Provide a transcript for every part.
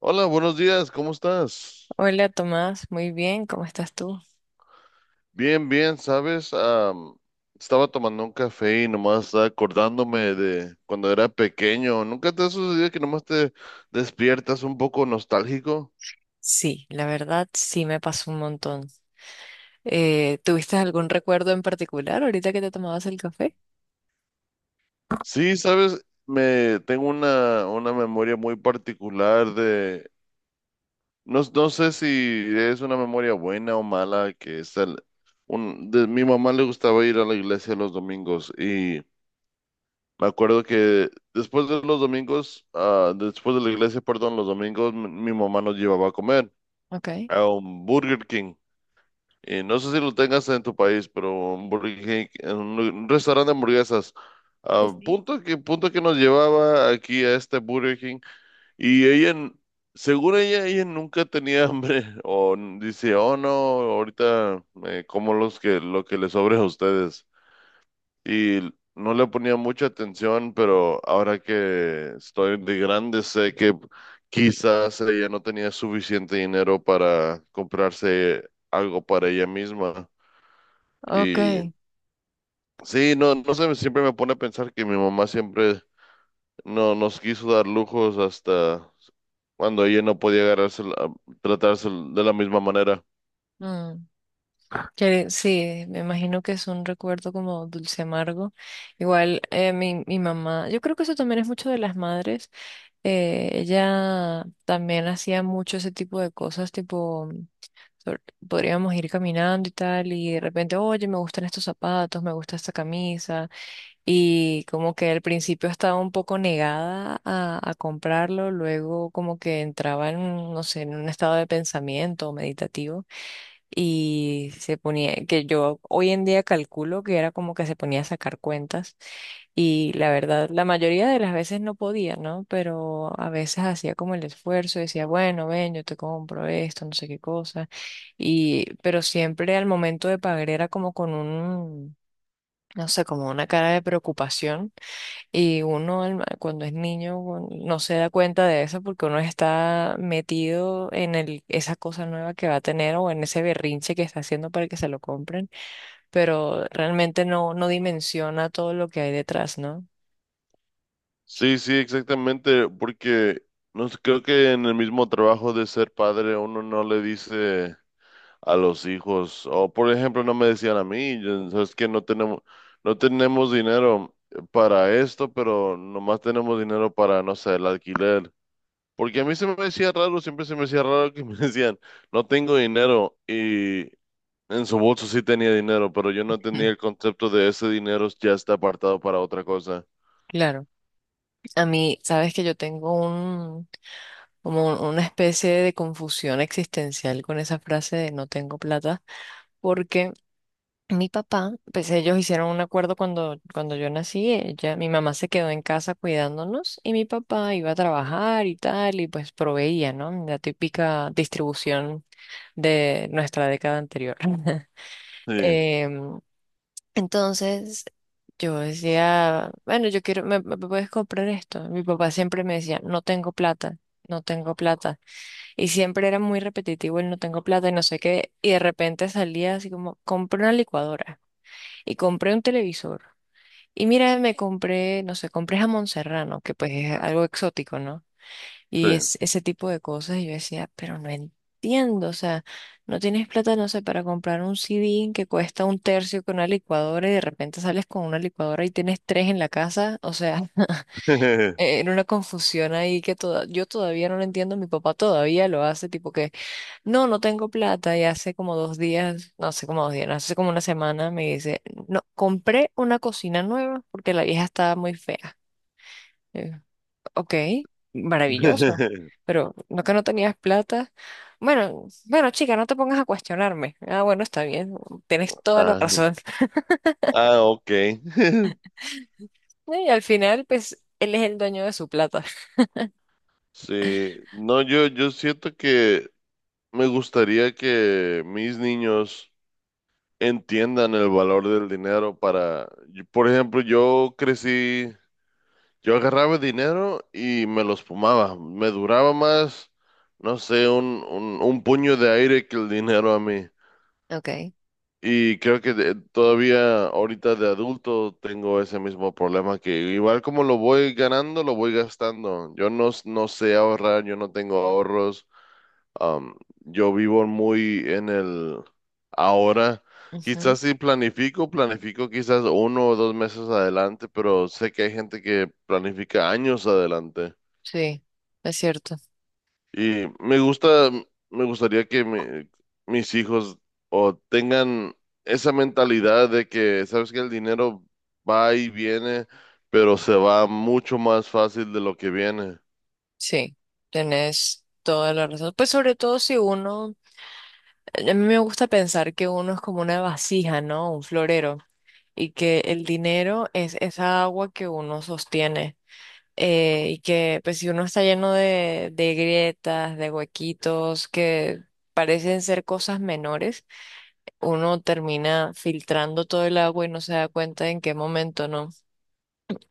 Hola, buenos días, ¿cómo estás? Hola Tomás, muy bien, ¿cómo estás tú? Bien, bien, ¿sabes? Estaba tomando un café y nomás estaba acordándome de cuando era pequeño. ¿Nunca te ha sucedido que nomás te despiertas un poco nostálgico? Sí, la verdad sí me pasó un montón. ¿Tuviste algún recuerdo en particular ahorita que te tomabas el café? Sí, ¿sabes? Me tengo una memoria muy particular de, no sé si es una memoria buena o mala, que es mi mamá le gustaba ir a la iglesia los domingos y... Me acuerdo que después de los domingos, ah, después de la iglesia, perdón, los domingos, mi mamá nos llevaba a comer Ok. a un Burger King. Y no sé si lo tengas en tu país, pero un Burger King, en un, un restaurante de hamburguesas. A Sí. Punto que nos llevaba aquí a este Burger King. Y ella, según ella, ella nunca tenía hambre. O dice, oh no, ahorita como lo que les sobre a ustedes y no le ponía mucha atención, pero ahora que estoy de grande sé que quizás ella no tenía suficiente dinero para comprarse algo para ella misma. Ok. Y sí, no sé, siempre me pone a pensar que mi mamá siempre no nos quiso dar lujos hasta cuando ella no podía agarrarse, tratarse de la misma manera. Mm, que sí, me imagino que es un recuerdo como dulce amargo. Igual mi mamá, yo creo que eso también es mucho de las madres. Ella también hacía mucho ese tipo de cosas, tipo, sobre- podríamos ir caminando y tal, y de repente, oye, me gustan estos zapatos, me gusta esta camisa, y como que al principio estaba un poco negada a comprarlo, luego como que entraba no sé, en un estado de pensamiento meditativo, y se ponía, que yo hoy en día calculo que era como que se ponía a sacar cuentas y la verdad, la mayoría de las veces no podía, ¿no? Pero a veces hacía como el esfuerzo, decía, bueno, ven, yo te compro esto, no sé qué cosa. Y, pero siempre al momento de pagar era como con no sé, como una cara de preocupación. Y uno cuando es niño bueno, no se da cuenta de eso porque uno está metido en el, esa cosa nueva que va a tener o en ese berrinche que está haciendo para que se lo compren. Pero realmente no dimensiona todo lo que hay detrás, ¿no? Sí, sí, exactamente, porque no sé, creo que en el mismo trabajo de ser padre uno no le dice a los hijos. O por ejemplo, no me decían a mí, yo, sabes que no tenemos, no tenemos dinero para esto, pero nomás tenemos dinero para, no sé, el alquiler. Porque a mí se me decía raro, siempre se me decía raro que me decían, no tengo dinero y en su bolso sí tenía dinero, pero yo no tenía el concepto de ese dinero ya está apartado para otra cosa. Claro, a mí, sabes que yo tengo como una especie de confusión existencial con esa frase de no tengo plata, porque mi papá, pues ellos hicieron un acuerdo cuando yo nací, ella, mi mamá se quedó en casa cuidándonos y mi papá iba a trabajar y tal, y pues proveía, ¿no? La típica distribución de nuestra década anterior. Sí, Em, entonces yo decía, bueno, yo quiero, me puedes comprar esto. Mi papá siempre me decía, no tengo plata, no tengo plata. Y siempre era muy repetitivo el no tengo plata y no sé qué. Y de repente salía así como, compré una licuadora y compré un televisor. Y mira, me compré, no sé, compré jamón serrano, que pues es algo exótico, ¿no? sí. Y es ese tipo de cosas, y yo decía, pero no entiendo, o sea, no tienes plata, no sé, para comprar un CD que cuesta un tercio con una licuadora y de repente sales con una licuadora y tienes tres en la casa, o sea, era una confusión ahí que toda, yo todavía no lo entiendo, mi papá todavía lo hace, tipo que, no, no tengo plata, y hace como dos días, no hace como dos días, no, hace como una semana me dice, no, compré una cocina nueva porque la vieja estaba muy fea. Ok, maravilloso. Pero no que no tenías plata. Bueno, bueno, chica, no te pongas a cuestionarme. Ah, bueno, está bien. Tienes toda la Ah, razón. ah, ok. Y al final, pues, él es el dueño de su plata. Sí, no, yo siento que me gustaría que mis niños entiendan el valor del dinero para, por ejemplo, yo crecí, yo agarraba dinero y me los fumaba. Me duraba más, no sé, un puño de aire que el dinero a mí. Ok. Y creo que todavía ahorita de adulto tengo ese mismo problema que igual como lo voy ganando, lo voy gastando. Yo no, s- No sé ahorrar, yo no tengo ahorros. Am, yo vivo muy en el ahora. Ujú. Quizás si planifico quizás uno o dos meses adelante, pero sé que hay gente que planifica años adelante. Sí, es cierto. Y me gusta, me gustaría que mi- mis hijos o tengan esa mentalidad de que, sabes que el dinero va y viene, pero se va mucho más fácil de lo que viene. Sí, tenés toda la razón. Pues sobre todo si uno, a mí me gusta pensar que uno es como una vasija, ¿no? Un florero. Y que el dinero es esa agua que uno sostiene. Y que pues si uno está lleno de grietas, de huequitos, que parecen ser cosas menores, uno termina filtrando todo el agua y no se da cuenta en qué momento no.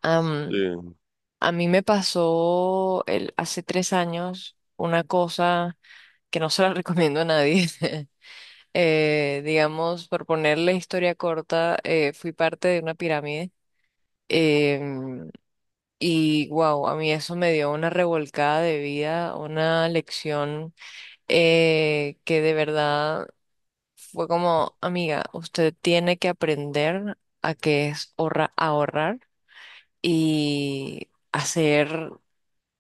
Am, Sí, a mí me pasó hace tres años una cosa que no se la recomiendo a nadie. Digamos, por ponerle historia corta, fui parte de una pirámide. em, Y wow, a mí eso me dio una revolcada de vida, una lección que de verdad fue como, amiga, usted tiene que aprender a que es ahorrar y hacer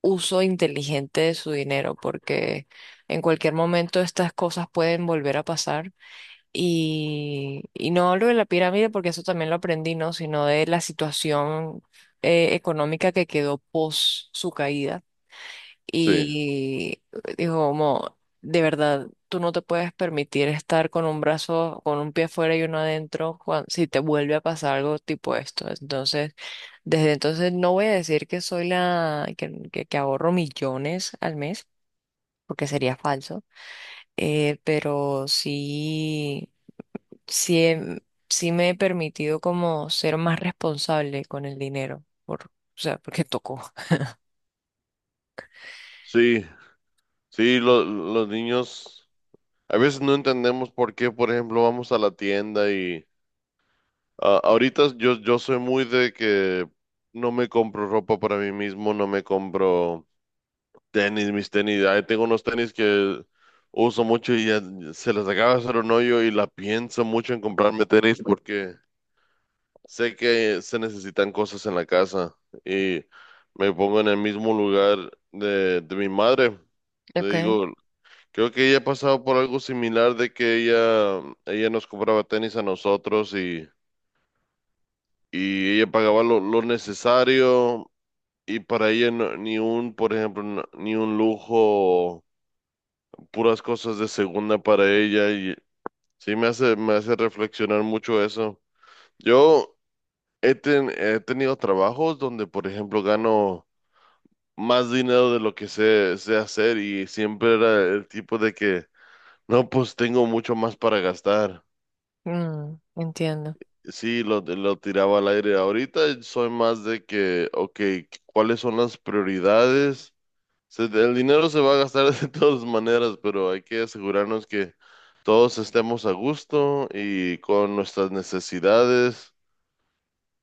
uso inteligente de su dinero, porque en cualquier momento estas cosas pueden volver a pasar. Y no hablo de la pirámide porque eso también lo aprendí, ¿no? Sino de la situación económica que quedó post su caída sí, y dijo, como, de verdad, tú no te puedes permitir estar con un brazo, con un pie afuera y uno adentro, si te vuelve a pasar algo tipo esto. Entonces, desde entonces no voy a decir que soy la, que ahorro millones al mes, porque sería falso, pero sí, sí, sí me he permitido como ser más responsable con el dinero, o sea, porque tocó. sí, sí, los niños. A veces no entendemos por qué, por ejemplo, vamos a la tienda y ah, ahorita yo soy muy de que no me compro ropa para mí mismo, no me compro mis tenis. Ahí tengo unos tenis que uso mucho y ya se les acaba de hacer un hoyo y la pienso mucho en comprarme tenis porque sé que se necesitan cosas en la casa y me pongo en el mismo lugar de mi madre. Le Ok. digo, creo que ella ha pasado por algo similar de que ella nos compraba tenis a nosotros y ella pagaba lo necesario y para ella ni un, por ejemplo, ni un lujo, puras cosas de segunda para ella y sí me hace reflexionar mucho eso. Yo he tenido trabajos donde, por ejemplo, gano más dinero de lo que sé hacer y siempre era el tipo de que, no, pues tengo mucho más para gastar. Mm, entiendo. Sí, lo tiraba al aire. Ahorita soy más de que, ok, ¿cuáles son las prioridades? Se- el dinero se va a gastar de todas maneras, pero hay que asegurarnos que todos estemos a gusto y con nuestras necesidades.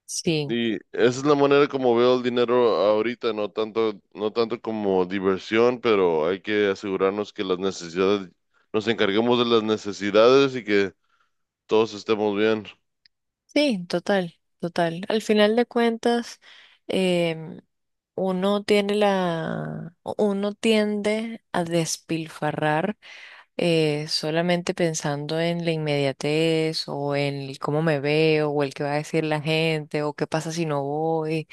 Sí, Y esa es la manera como veo el dinero ahorita, no tanto, no tanto como diversión, pero hay que asegurarnos que las necesidades, nos encarguemos de las necesidades y que todos estemos bien. sí, total, total. Al final de cuentas, em, uno tiene uno tiende a despilfarrar solamente pensando en la inmediatez o en el cómo me veo o el que va a decir la gente o qué pasa si no voy,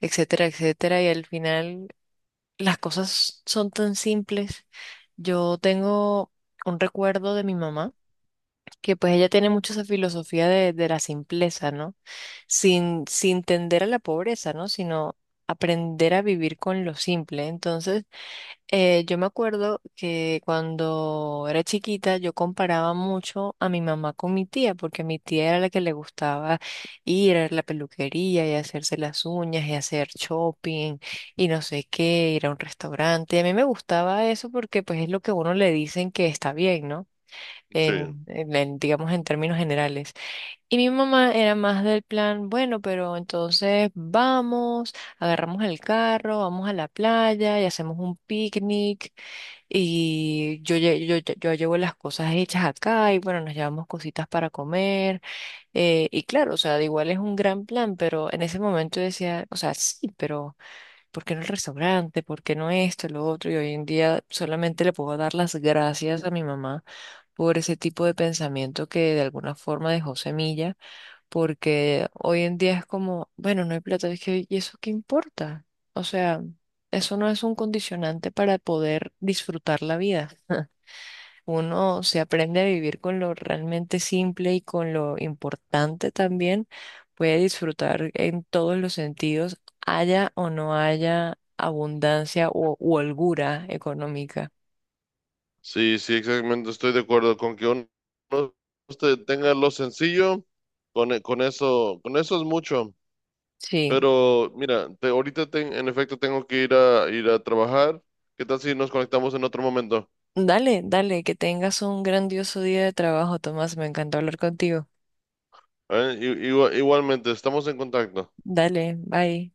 etcétera, etcétera. Y al final las cosas son tan simples. Yo tengo un recuerdo de mi mamá, que pues ella tiene mucho esa filosofía de la simpleza, ¿no? Sin tender a la pobreza, ¿no? Sino aprender a vivir con lo simple. Entonces, yo me acuerdo que cuando era chiquita yo comparaba mucho a mi mamá con mi tía, porque mi tía era la que le gustaba ir a la peluquería y hacerse las uñas y hacer shopping y no sé qué, ir a un restaurante. Y a mí me gustaba eso porque pues es lo que a uno le dicen que está bien, ¿no? Sí. En, digamos, en términos generales. Y mi mamá era más del plan, bueno, pero entonces vamos, agarramos el carro, vamos a la playa y hacemos un picnic y yo llevo las cosas hechas acá y bueno, nos llevamos cositas para comer. Y claro, o sea, de igual es un gran plan, pero en ese momento yo decía, o sea, sí, pero ¿por qué no el restaurante? ¿Por qué no esto, lo otro? Y hoy en día solamente le puedo dar las gracias a mi mamá por ese tipo de pensamiento que de alguna forma dejó semilla, porque hoy en día es como, bueno, no hay plata, es que, ¿y eso qué importa? O sea, eso no es un condicionante para poder disfrutar la vida. Uno se aprende a vivir con lo realmente simple y con lo importante también, puede disfrutar en todos los sentidos, haya o no haya abundancia u holgura económica. Sí, sí, exactamente. Estoy de acuerdo con que uno usted tenga lo sencillo, con, con eso es mucho. Sí. Pero mira, en efecto tengo que ir a trabajar. ¿Qué tal si nos conectamos en otro momento? Dale, dale, que tengas un grandioso día de trabajo, Tomás. Me encantó hablar contigo. ¿Eh? I- igua- Igualmente, estamos en contacto. Dale, bye.